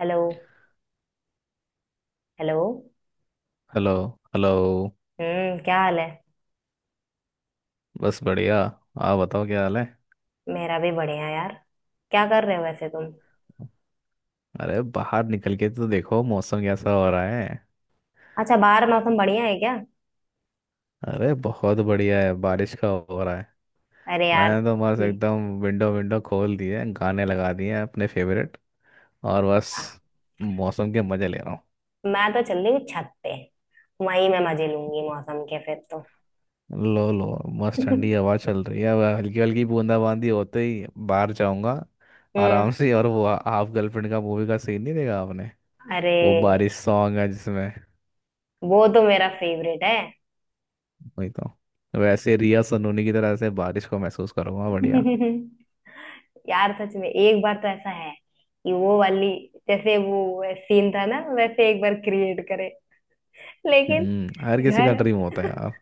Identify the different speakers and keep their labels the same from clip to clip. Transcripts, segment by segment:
Speaker 1: Hello. Hello.
Speaker 2: Hello. Hello.
Speaker 1: क्या हाल है।
Speaker 2: बस बढ़िया। आप बताओ, क्या हाल है?
Speaker 1: मेरा भी बढ़िया यार। क्या कर रहे हो वैसे तुम।
Speaker 2: अरे बाहर निकल के तो देखो, मौसम कैसा हो रहा है।
Speaker 1: अच्छा बाहर मौसम बढ़िया है क्या?
Speaker 2: अरे बहुत बढ़िया है, बारिश का हो रहा है।
Speaker 1: अरे यार।
Speaker 2: मैं तो बस
Speaker 1: हम्म,
Speaker 2: एकदम विंडो विंडो खोल दिए, गाने लगा दिए हैं अपने फेवरेट। और बस मौसम के मजे ले रहा हूँ।
Speaker 1: मैं तो चल रही हूँ छत पे। वहीं मैं मजे लूंगी मौसम के फिर तो।
Speaker 2: लो लो, मस्त ठंडी हवा चल रही है, वह हल्की हल्की बूंदाबांदी होते ही बाहर जाऊंगा
Speaker 1: हम्म।
Speaker 2: आराम से। और वो हाफ गर्लफ्रेंड का मूवी का सीन नहीं देखा आपने?
Speaker 1: अरे
Speaker 2: वो बारिश सॉन्ग है जिसमें।
Speaker 1: वो तो मेरा फेवरेट है।
Speaker 2: वही तो। वैसे रिया सनोनी की तरह से बारिश को महसूस करूंगा, बढ़िया।
Speaker 1: यार सच में एक बार तो ऐसा है कि वो वाली जैसे वो सीन था ना वैसे एक बार क्रिएट करे। लेकिन
Speaker 2: हर किसी का
Speaker 1: घर
Speaker 2: ड्रीम होता है यार।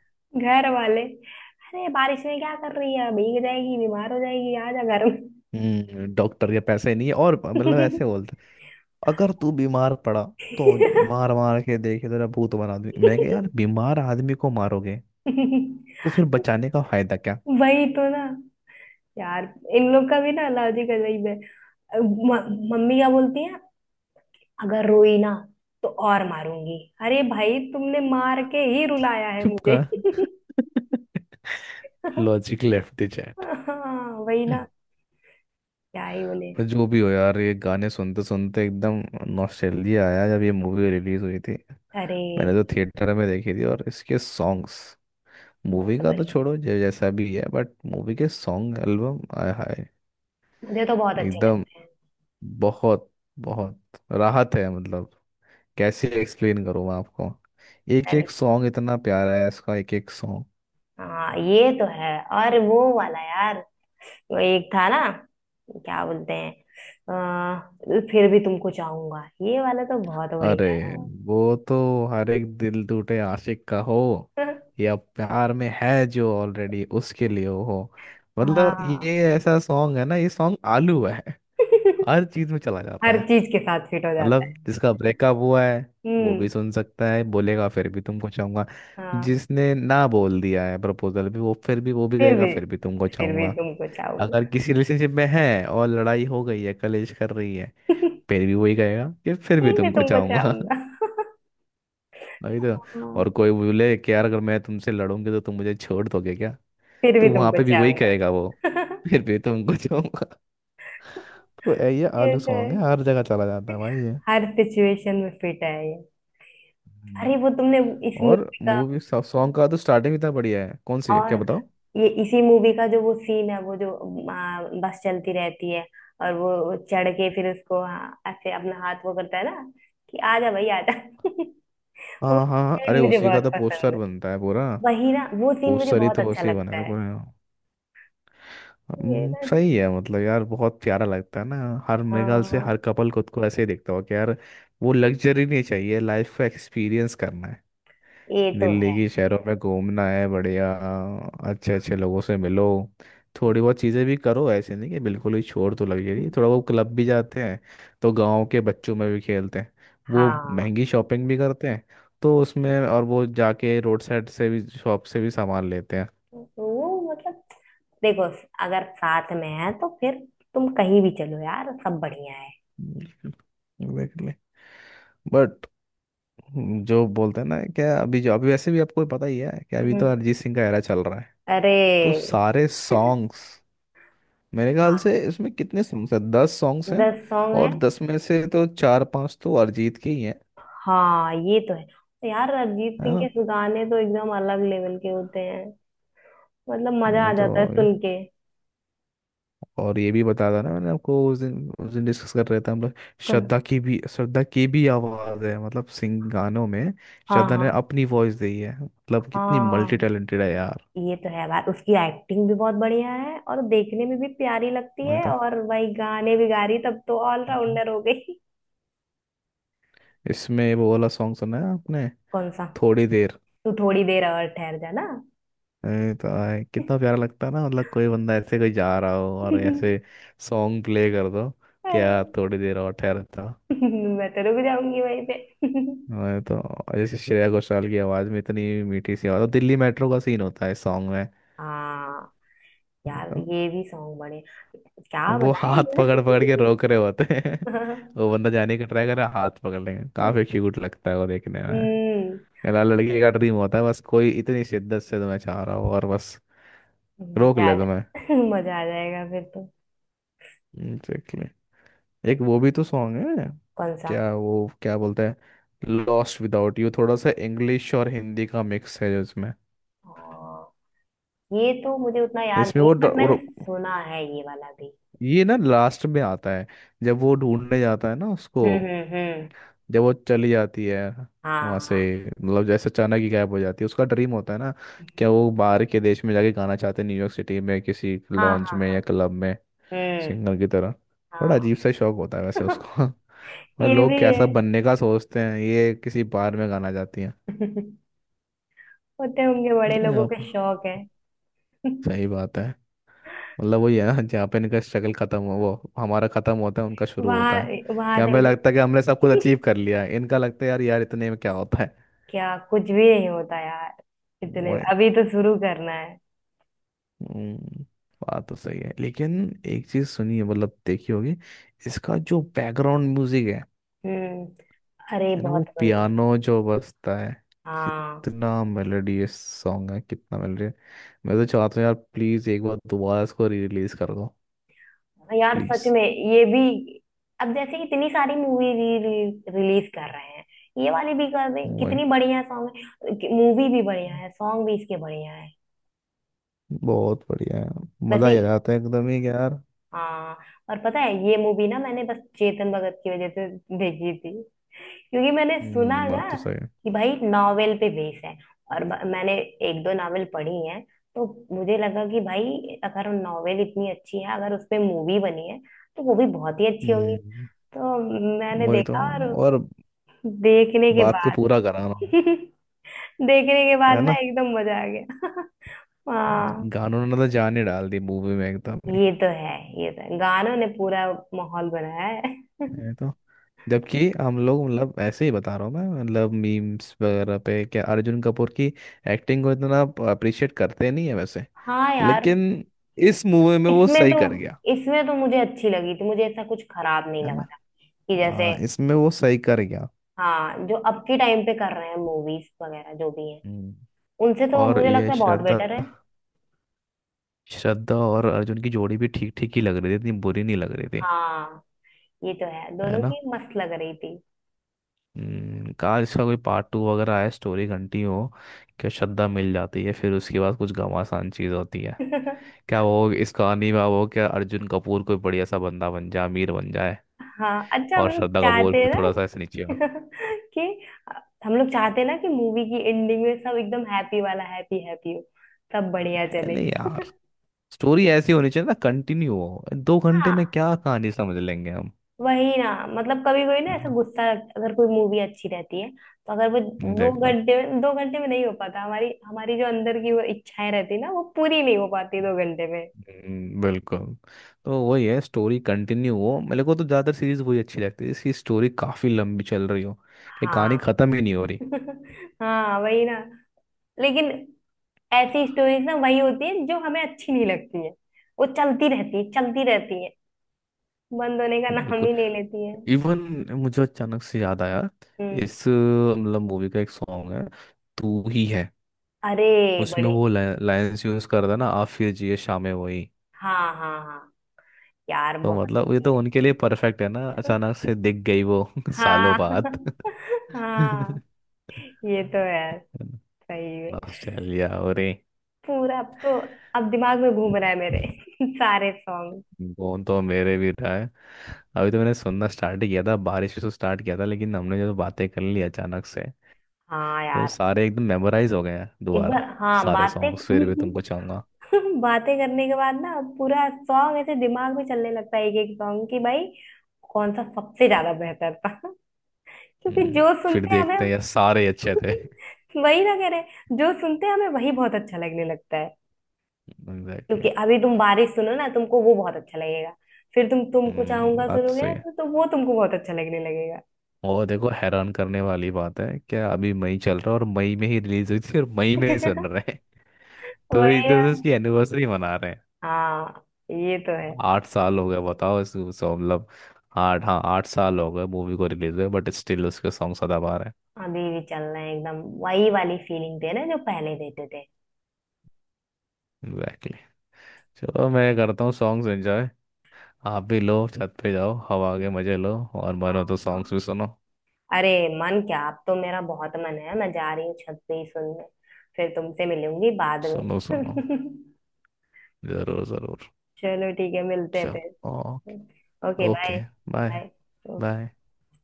Speaker 1: घर वाले अरे बारिश में क्या कर रही है, भीग जाएगी, बीमार हो जाएगी, आ जा घर में।
Speaker 2: डॉक्टर के पैसे नहीं है। और मतलब ऐसे बोलते हैं, अगर तू बीमार पड़ा तो मार मार के देखे, तेरा भूत बना दूं मैं। कह, यार बीमार आदमी को मारोगे तो फिर बचाने का फायदा क्या?
Speaker 1: वही तो ना। यार इन लोग का भी ना लॉजिक अजीब है। मम्मी क्या बोलती है, अगर रोई ना तो और मारूंगी। अरे भाई तुमने मार के ही रुलाया है
Speaker 2: चुप
Speaker 1: मुझे।
Speaker 2: का लॉजिक लेफ्ट द चैट।
Speaker 1: हाँ वही ना। क्या ही बोले।
Speaker 2: पर जो भी हो यार, ये गाने सुनते सुनते एकदम नॉस्टैल्जिया आया जब ये मूवी रिलीज हुई थी।
Speaker 1: अरे
Speaker 2: मैंने तो थिएटर में देखी थी, और इसके सॉन्ग्स, मूवी
Speaker 1: बहुत
Speaker 2: का तो
Speaker 1: बढ़िया है,
Speaker 2: छोड़ो जो जैसा भी है, बट मूवी के सॉन्ग एल्बम, आय हाय।
Speaker 1: मुझे तो बहुत अच्छे
Speaker 2: एकदम
Speaker 1: लगते हैं।
Speaker 2: बहुत बहुत राहत है, मतलब कैसे एक्सप्लेन करूँ मैं आपको। एक एक
Speaker 1: अरे
Speaker 2: सॉन्ग इतना प्यारा है इसका, एक एक सॉन्ग।
Speaker 1: हाँ ये तो है। और वो वाला यार वो एक था ना, क्या बोलते हैं, फिर भी तुमको चाहूंगा। ये वाला तो बहुत
Speaker 2: अरे,
Speaker 1: बढ़िया है।
Speaker 2: वो तो हर एक दिल टूटे आशिक का हो या प्यार में है जो ऑलरेडी उसके लिए हो। मतलब
Speaker 1: हाँ।
Speaker 2: ये ऐसा सॉन्ग है ना, ये सॉन्ग आलू है, हर चीज में चला जाता
Speaker 1: हर
Speaker 2: है।
Speaker 1: चीज के साथ फिट हो जाता है।
Speaker 2: मतलब जिसका ब्रेकअप हुआ है वो भी
Speaker 1: हम्म।
Speaker 2: सुन सकता है, बोलेगा फिर भी तुमको चाहूंगा।
Speaker 1: हाँ।
Speaker 2: जिसने ना बोल दिया है प्रपोजल भी वो, फिर भी वो भी
Speaker 1: फिर
Speaker 2: कहेगा
Speaker 1: भी
Speaker 2: फिर भी तुमको
Speaker 1: फिर भी
Speaker 2: चाहूंगा।
Speaker 1: तुमको
Speaker 2: अगर
Speaker 1: चाहूंगा।
Speaker 2: किसी रिलेशनशिप में है और लड़ाई हो गई है, कलेश कर रही है, फिर भी वही कहेगा कि फिर भी
Speaker 1: फिर भी
Speaker 2: तुमको
Speaker 1: तुमको
Speaker 2: चाहूंगा।
Speaker 1: चाहूंगा।
Speaker 2: वही तो।
Speaker 1: हाँ,
Speaker 2: और कोई बोले कि यार, अगर मैं तुमसे लड़ूंगी तो तुम मुझे छोड़ दोगे क्या,
Speaker 1: फिर भी
Speaker 2: तो वहां
Speaker 1: तुमको
Speaker 2: पे भी वही
Speaker 1: चाहूंगा।
Speaker 2: कहेगा वो, फिर भी तुमको चाहूंगा। तो ये
Speaker 1: ये
Speaker 2: आलू
Speaker 1: तो है।
Speaker 2: सॉन्ग है, हर जगह चला जाता है भाई।
Speaker 1: हर सिचुएशन में फिट है ये।
Speaker 2: ये
Speaker 1: अरे वो तुमने इस
Speaker 2: और
Speaker 1: मूवी का।
Speaker 2: मूवी सॉन्ग का तो स्टार्टिंग इतना बढ़िया है, कौन सी है, क्या
Speaker 1: और
Speaker 2: बताओ।
Speaker 1: ये इसी मूवी का जो वो सीन है, वो जो आ, बस चलती रहती है। और वो चढ़ के फिर उसको हाँ, ऐसे अपना हाथ वो करता है ना कि आजा भाई आजा। वो
Speaker 2: हाँ हाँ हाँ,
Speaker 1: सीन
Speaker 2: अरे
Speaker 1: मुझे
Speaker 2: उसी का
Speaker 1: बहुत
Speaker 2: तो
Speaker 1: पसंद
Speaker 2: पोस्टर
Speaker 1: है।
Speaker 2: बनता है पूरा।
Speaker 1: वही ना वो सीन मुझे
Speaker 2: पोस्टर ही
Speaker 1: बहुत
Speaker 2: तो
Speaker 1: अच्छा
Speaker 2: उसी बना
Speaker 1: लगता
Speaker 2: है
Speaker 1: है।
Speaker 2: पूरा।
Speaker 1: ये ना।
Speaker 2: सही है, मतलब यार बहुत प्यारा लगता है ना। हर मेरे ख्याल से
Speaker 1: हाँ
Speaker 2: हर कपल खुद को ऐसे ही देखता हो कि यार, वो लग्जरी नहीं चाहिए, लाइफ को एक्सपीरियंस करना है।
Speaker 1: ये तो
Speaker 2: दिल्ली
Speaker 1: है।
Speaker 2: की शहरों में घूमना है, बढ़िया। अच्छे अच्छे लोगों से मिलो। थोड़ी बहुत चीज़ें भी करो, ऐसे नहीं कि बिल्कुल ही छोड़, तो लगी रही थोड़ा बहुत, क्लब भी जाते हैं, तो गांव के बच्चों में भी खेलते हैं, वो
Speaker 1: हाँ
Speaker 2: महंगी शॉपिंग भी करते हैं, तो उसमें, और वो जाके रोड साइड से भी, शॉप से भी सामान लेते हैं।
Speaker 1: तो वो मतलब देखो, अगर साथ में है तो फिर तुम कहीं भी चलो यार, सब बढ़िया है।
Speaker 2: एग्जैक्टली। बट जो बोलते हैं ना, क्या अभी जो अभी वैसे भी आपको पता ही है कि अभी
Speaker 1: हम्म।
Speaker 2: तो अरिजीत सिंह का एरा चल रहा है। तो
Speaker 1: अरे
Speaker 2: सारे सॉन्ग्स, मेरे ख्याल
Speaker 1: हाँ
Speaker 2: से इसमें कितने सॉन्ग्स हैं, 10 सॉन्ग्स।
Speaker 1: दस सॉन्ग है।
Speaker 2: और 10 में से तो चार पांच तो अरिजीत के ही हैं।
Speaker 1: हाँ ये तो है, तो यार अरिजीत
Speaker 2: है
Speaker 1: सिंह
Speaker 2: ना।
Speaker 1: के गाने तो एकदम अलग लेवल के होते हैं। मतलब मजा आ
Speaker 2: वही तो।
Speaker 1: जाता है
Speaker 2: ये-
Speaker 1: सुन के।
Speaker 2: और ये भी बता था ना मैंने आपको, उस दिन डिस्कस कर रहे थे हम लोग।
Speaker 1: कम-
Speaker 2: श्रद्धा की भी आवाज है, मतलब सिंग गानों में।
Speaker 1: हाँ
Speaker 2: श्रद्धा
Speaker 1: हाँ
Speaker 2: ने अपनी वॉइस दी है, मतलब कितनी मल्टी
Speaker 1: हाँ
Speaker 2: टैलेंटेड है यार।
Speaker 1: ये तो है यार, उसकी एक्टिंग भी बहुत बढ़िया है और देखने में भी प्यारी लगती
Speaker 2: मैं
Speaker 1: है,
Speaker 2: तो।
Speaker 1: और वही गाने भी गा रही, तब तो
Speaker 2: हम्म।
Speaker 1: ऑलराउंडर हो गई।
Speaker 2: इसमें वो वाला सॉन्ग सुना है आपने?
Speaker 1: कौन सा?
Speaker 2: थोड़ी देर।
Speaker 1: तू थोड़ी देर और ठहर जा ना।
Speaker 2: अरे तो आए, कितना प्यारा लगता है ना, मतलब कोई बंदा ऐसे कोई जा रहा हो और ऐसे सॉन्ग प्ले कर दो,
Speaker 1: अरे
Speaker 2: क्या थोड़ी देर और ठहरता।
Speaker 1: मैं तो रुक जाऊंगी वहीं पे।
Speaker 2: अरे, तो जैसे श्रेया घोषाल की आवाज में इतनी मीठी सी आवाज, और दिल्ली मेट्रो का सीन होता है सॉन्ग में।
Speaker 1: हाँ यार
Speaker 2: तो
Speaker 1: ये भी सॉन्ग बड़े, क्या
Speaker 2: वो
Speaker 1: बताए।
Speaker 2: हाथ पकड़ पकड़ के रोक रहे होते हैं।
Speaker 1: मुझे
Speaker 2: वो बंदा जाने का ट्राई कर रहा है, हाथ पकड़ लेंगे, काफी क्यूट लगता है वो देखने में।
Speaker 1: हम्म।
Speaker 2: कहला लड़की का ड्रीम होता है, बस कोई इतनी शिद्दत से तुम्हें चाह रहा हो और बस रोक
Speaker 1: मजा
Speaker 2: ले
Speaker 1: आ जाए
Speaker 2: तुम्हें।
Speaker 1: मजा आ जाएगा फिर तो।
Speaker 2: एग्जैक्टली। एक वो भी तो सॉन्ग है,
Speaker 1: कौन सा?
Speaker 2: क्या वो क्या बोलते हैं, लॉस्ट विदाउट यू। थोड़ा सा इंग्लिश और हिंदी का मिक्स है इसमें।
Speaker 1: और ये तो मुझे उतना याद
Speaker 2: इसमें
Speaker 1: नहीं,
Speaker 2: वो
Speaker 1: बट
Speaker 2: और
Speaker 1: मैंने सुना है ये वाला भी।
Speaker 2: ये ना लास्ट में आता है, जब वो ढूंढने जाता है ना उसको,
Speaker 1: हम्म।
Speaker 2: जब वो चली जाती है
Speaker 1: हाँ
Speaker 2: वहां से।
Speaker 1: हाँ।
Speaker 2: मतलब जैसे अचानक ही गायब हो जाती है, उसका ड्रीम होता है ना क्या, वो बाहर के देश में जाके गाना चाहते हैं, न्यूयॉर्क सिटी में किसी
Speaker 1: हाँ
Speaker 2: लॉन्च
Speaker 1: हाँ
Speaker 2: में
Speaker 1: हाँ।
Speaker 2: या क्लब में
Speaker 1: हम्म।
Speaker 2: सिंगर की तरह। बड़ा
Speaker 1: हाँ।
Speaker 2: अजीब सा शौक होता है वैसे उसको। पर
Speaker 1: ये
Speaker 2: लोग
Speaker 1: भी है।
Speaker 2: कैसा बनने का सोचते हैं, ये किसी बार में गाना जाती है।
Speaker 1: होते होंगे बड़े
Speaker 2: ये
Speaker 1: लोगों
Speaker 2: आप
Speaker 1: के शौक है।
Speaker 2: सही बात है। मतलब वही है ना, जहाँ पे इनका स्ट्रगल खत्म हो, वो हमारा खत्म होता है, उनका शुरू होता है।
Speaker 1: वहां वहां
Speaker 2: कि
Speaker 1: से क्या।
Speaker 2: हमें लगता है कि हमने सब कुछ अचीव
Speaker 1: इनका
Speaker 2: कर लिया है, इनका लगता है, यार यार इतने में क्या होता है।
Speaker 1: क्या कुछ भी नहीं होता यार इतने में।
Speaker 2: वही।
Speaker 1: अभी तो शुरू करना है।
Speaker 2: हम्म, बात तो सही है, लेकिन एक चीज सुनिए, मतलब देखी होगी। इसका जो बैकग्राउंड म्यूजिक है
Speaker 1: हम्म। अरे
Speaker 2: है ना, वो
Speaker 1: बहुत बढ़िया।
Speaker 2: पियानो जो बजता है,
Speaker 1: हाँ।
Speaker 2: कितना मेलोडियस सॉन्ग है, कितना मेलोडी। मैं तो चाहता हूँ यार, प्लीज एक बार दोबारा इसको री रिलीज कर दो,
Speaker 1: हाँ यार
Speaker 2: प्लीज।
Speaker 1: सच में, ये भी अब जैसे इतनी सारी मूवी रिलीज कर रहे हैं, ये वाली भी कर दें,
Speaker 2: वही
Speaker 1: कितनी बढ़िया सॉन्ग है, मूवी भी बढ़िया है, सॉन्ग भी इसके बढ़िया है।
Speaker 2: बहुत बढ़िया है। मजा
Speaker 1: वैसे
Speaker 2: ही आ जाता है एकदम ही, कि यार।
Speaker 1: हाँ और पता है ये मूवी ना मैंने बस चेतन भगत की वजह से देखी थी, क्योंकि मैंने सुना
Speaker 2: बात तो
Speaker 1: ना
Speaker 2: सही है।
Speaker 1: कि भाई नॉवेल पे बेस है, और मैंने एक दो नॉवेल पढ़ी हैं तो मुझे लगा कि भाई अगर नॉवेल इतनी अच्छी है, अगर उस पे मूवी बनी है तो वो भी बहुत ही अच्छी होगी।
Speaker 2: हम्म
Speaker 1: तो मैंने
Speaker 2: वही तो।
Speaker 1: देखा, और
Speaker 2: और
Speaker 1: देखने के
Speaker 2: बात को
Speaker 1: बाद
Speaker 2: पूरा कराना,
Speaker 1: देखने के बाद
Speaker 2: है
Speaker 1: ना
Speaker 2: ना।
Speaker 1: एकदम मजा आ गया। हाँ।
Speaker 2: गानों ने तो जान ही डाल दी मूवी में एकदम ही।
Speaker 1: ये तो है। ये तो है गानों ने पूरा माहौल बनाया है।
Speaker 2: है, जबकि हम लोग, मतलब ऐसे ही बता रहा हूँ मैं, मतलब मीम्स वगैरह पे क्या, अर्जुन कपूर की एक्टिंग को इतना अप्रिशिएट करते नहीं है वैसे।
Speaker 1: हाँ यार।
Speaker 2: लेकिन इस मूवी में वो
Speaker 1: इसमें
Speaker 2: सही
Speaker 1: तो
Speaker 2: कर गया।
Speaker 1: इसमें तो मुझे अच्छी लगी थी, मुझे ऐसा कुछ खराब नहीं
Speaker 2: है
Speaker 1: लगा
Speaker 2: ना।
Speaker 1: था कि जैसे।
Speaker 2: इसमें वो सही कर गया।
Speaker 1: हाँ जो अब के टाइम पे कर रहे हैं मूवीज वगैरह जो भी हैं,
Speaker 2: हम्म।
Speaker 1: उनसे तो
Speaker 2: और
Speaker 1: मुझे
Speaker 2: ये
Speaker 1: लगता है बहुत
Speaker 2: श्रद्धा
Speaker 1: बेटर है।
Speaker 2: श्रद्धा और अर्जुन की जोड़ी भी ठीक ठीक ही लग रही थी, इतनी बुरी नहीं लग रही थी।
Speaker 1: हाँ ये तो है,
Speaker 2: है
Speaker 1: दोनों
Speaker 2: ना।
Speaker 1: की मस्त लग रही
Speaker 2: काश इसका कोई पार्ट 2 वगैरह आए, स्टोरी घंटी हो कि श्रद्धा मिल जाती है, फिर उसके बाद कुछ घमासान चीज़ होती है,
Speaker 1: थी।
Speaker 2: क्या वो इस कहानी में। वो क्या, अर्जुन कपूर कोई बढ़िया सा बंदा बन जाए, अमीर बन जाए,
Speaker 1: हाँ अच्छा हम
Speaker 2: और
Speaker 1: लोग
Speaker 2: श्रद्धा कपूर
Speaker 1: चाहते हैं
Speaker 2: फिर
Speaker 1: ना।
Speaker 2: थोड़ा सा ऐसे नीचे हो।
Speaker 1: कि हम लोग चाहते हैं ना कि मूवी की एंडिंग में सब एकदम हैप्पी वाला हैप्पी हैप्पी हो, सब बढ़िया
Speaker 2: है
Speaker 1: चले।
Speaker 2: नहीं यार, स्टोरी ऐसी होनी चाहिए ना, कंटिन्यू हो। 2 घंटे
Speaker 1: हाँ
Speaker 2: में क्या कहानी समझ लेंगे हम।
Speaker 1: वही ना। मतलब कभी कोई ना
Speaker 2: है
Speaker 1: ऐसा
Speaker 2: ना।
Speaker 1: गुस्सा, अगर कोई मूवी अच्छी रहती है तो अगर वो दो
Speaker 2: देख लो।
Speaker 1: घंटे में, दो घंटे में नहीं हो पाता, हमारी हमारी जो अंदर की वो इच्छाएं रहती है ना, वो पूरी नहीं हो पाती दो घंटे में।
Speaker 2: बिल्कुल। तो वही है, स्टोरी कंटिन्यू हो। मेरे को तो ज़्यादातर सीरीज वही अच्छी लगती है जिसकी स्टोरी काफ़ी लंबी चल रही हो, कि
Speaker 1: हाँ।
Speaker 2: कहानी ख़त्म ही नहीं हो रही।
Speaker 1: हाँ वही ना। लेकिन ऐसी स्टोरीज ना वही होती है जो हमें अच्छी नहीं लगती है, वो चलती रहती है चलती रहती है, बंद होने का नाम
Speaker 2: बिल्कुल।
Speaker 1: ही नहीं लेती है।
Speaker 2: इवन, मुझे अचानक से याद आया,
Speaker 1: हम्म।
Speaker 2: इस मतलब मूवी का एक सॉन्ग है, तू ही है।
Speaker 1: अरे
Speaker 2: उसमें
Speaker 1: बड़े।
Speaker 2: वो लाइंस यूज कर था ना, आप फिर जिए शामें वही।
Speaker 1: हाँ हाँ हाँ यार
Speaker 2: तो
Speaker 1: बहुत
Speaker 2: मतलब ये
Speaker 1: बढ़िया
Speaker 2: तो
Speaker 1: है।
Speaker 2: उनके लिए परफेक्ट है ना, अचानक से दिख गई वो सालों
Speaker 1: हाँ
Speaker 2: बाद।
Speaker 1: हाँ ये तो यार सही है।
Speaker 2: नॉस्टैल्जिया हो रही।
Speaker 1: पूरा अब तो अब दिमाग में घूम रहा है मेरे सारे सॉन्ग।
Speaker 2: वो तो मेरे भी था है। अभी तो मैंने सुनना स्टार्ट किया था, बारिश से स्टार्ट किया था, लेकिन हमने जो बातें कर ली अचानक से,
Speaker 1: हाँ
Speaker 2: तो
Speaker 1: यार
Speaker 2: सारे एकदम मेमोराइज हो गए हैं
Speaker 1: एक बार,
Speaker 2: दोबारा।
Speaker 1: हाँ
Speaker 2: सारे
Speaker 1: बातें
Speaker 2: सॉन्ग्स, फिर भी तुमको चाहूंगा।
Speaker 1: बातें करने के बाद ना पूरा सॉन्ग ऐसे दिमाग में चलने लगता है, एक एक सॉन्ग कि भाई कौन सा सबसे ज्यादा बेहतर था। क्योंकि जो
Speaker 2: फिर
Speaker 1: सुनते हैं
Speaker 2: देखते
Speaker 1: हमें
Speaker 2: हैं यार, सारे अच्छे थे।
Speaker 1: वही ना कह रहे, जो सुनते हैं हमें वही बहुत अच्छा लगने लगता है। क्योंकि
Speaker 2: एग्जैक्टली,
Speaker 1: अभी तुम बारिश सुनो ना, तुमको वो बहुत अच्छा लगेगा, फिर तुम तुमको चाहूंगा
Speaker 2: बात तो
Speaker 1: सुनोगे
Speaker 2: सही
Speaker 1: ना
Speaker 2: है।
Speaker 1: तो वो तुमको बहुत अच्छा लगने लगेगा।
Speaker 2: और देखो, हैरान करने वाली बात है क्या, अभी मई चल रहा है, और मई में ही रिलीज हुई थी, और मई में ही सुन रहे हैं। तो
Speaker 1: वही
Speaker 2: एक तरह से
Speaker 1: है।
Speaker 2: उसकी एनिवर्सरी मना रहे हैं।
Speaker 1: हाँ ये तो है।
Speaker 2: आठ साल हो गए बताओ इस, सो मतलब, आठ हाँ, 8 साल हो गए मूवी को रिलीज हुए, बट स्टिल उसके सॉन्ग सदाबहार रहे
Speaker 1: अभी भी चल रहा है एकदम, वही वाली फीलिंग दे रहे हैं जो पहले देते थे।
Speaker 2: हैं। एग्जैक्टली। चलो, मैं करता हूँ सॉन्ग्स एंजॉय। आप भी लो, छत पे जाओ, हवा के मजे लो और मनो तो
Speaker 1: हाँ
Speaker 2: सॉन्ग्स भी सुनो।
Speaker 1: अरे मन क्या, अब तो मेरा बहुत मन है, मैं जा रही हूँ छत पे ही सुनने, फिर तुमसे मिलूंगी बाद
Speaker 2: सुनो सुनो।
Speaker 1: में।
Speaker 2: जरूर जरूर।
Speaker 1: चलो ठीक है, मिलते हैं
Speaker 2: चलो,
Speaker 1: फिर।
Speaker 2: Okay.
Speaker 1: Okay bye.
Speaker 2: Okay, bye.
Speaker 1: Bye.
Speaker 2: Bye.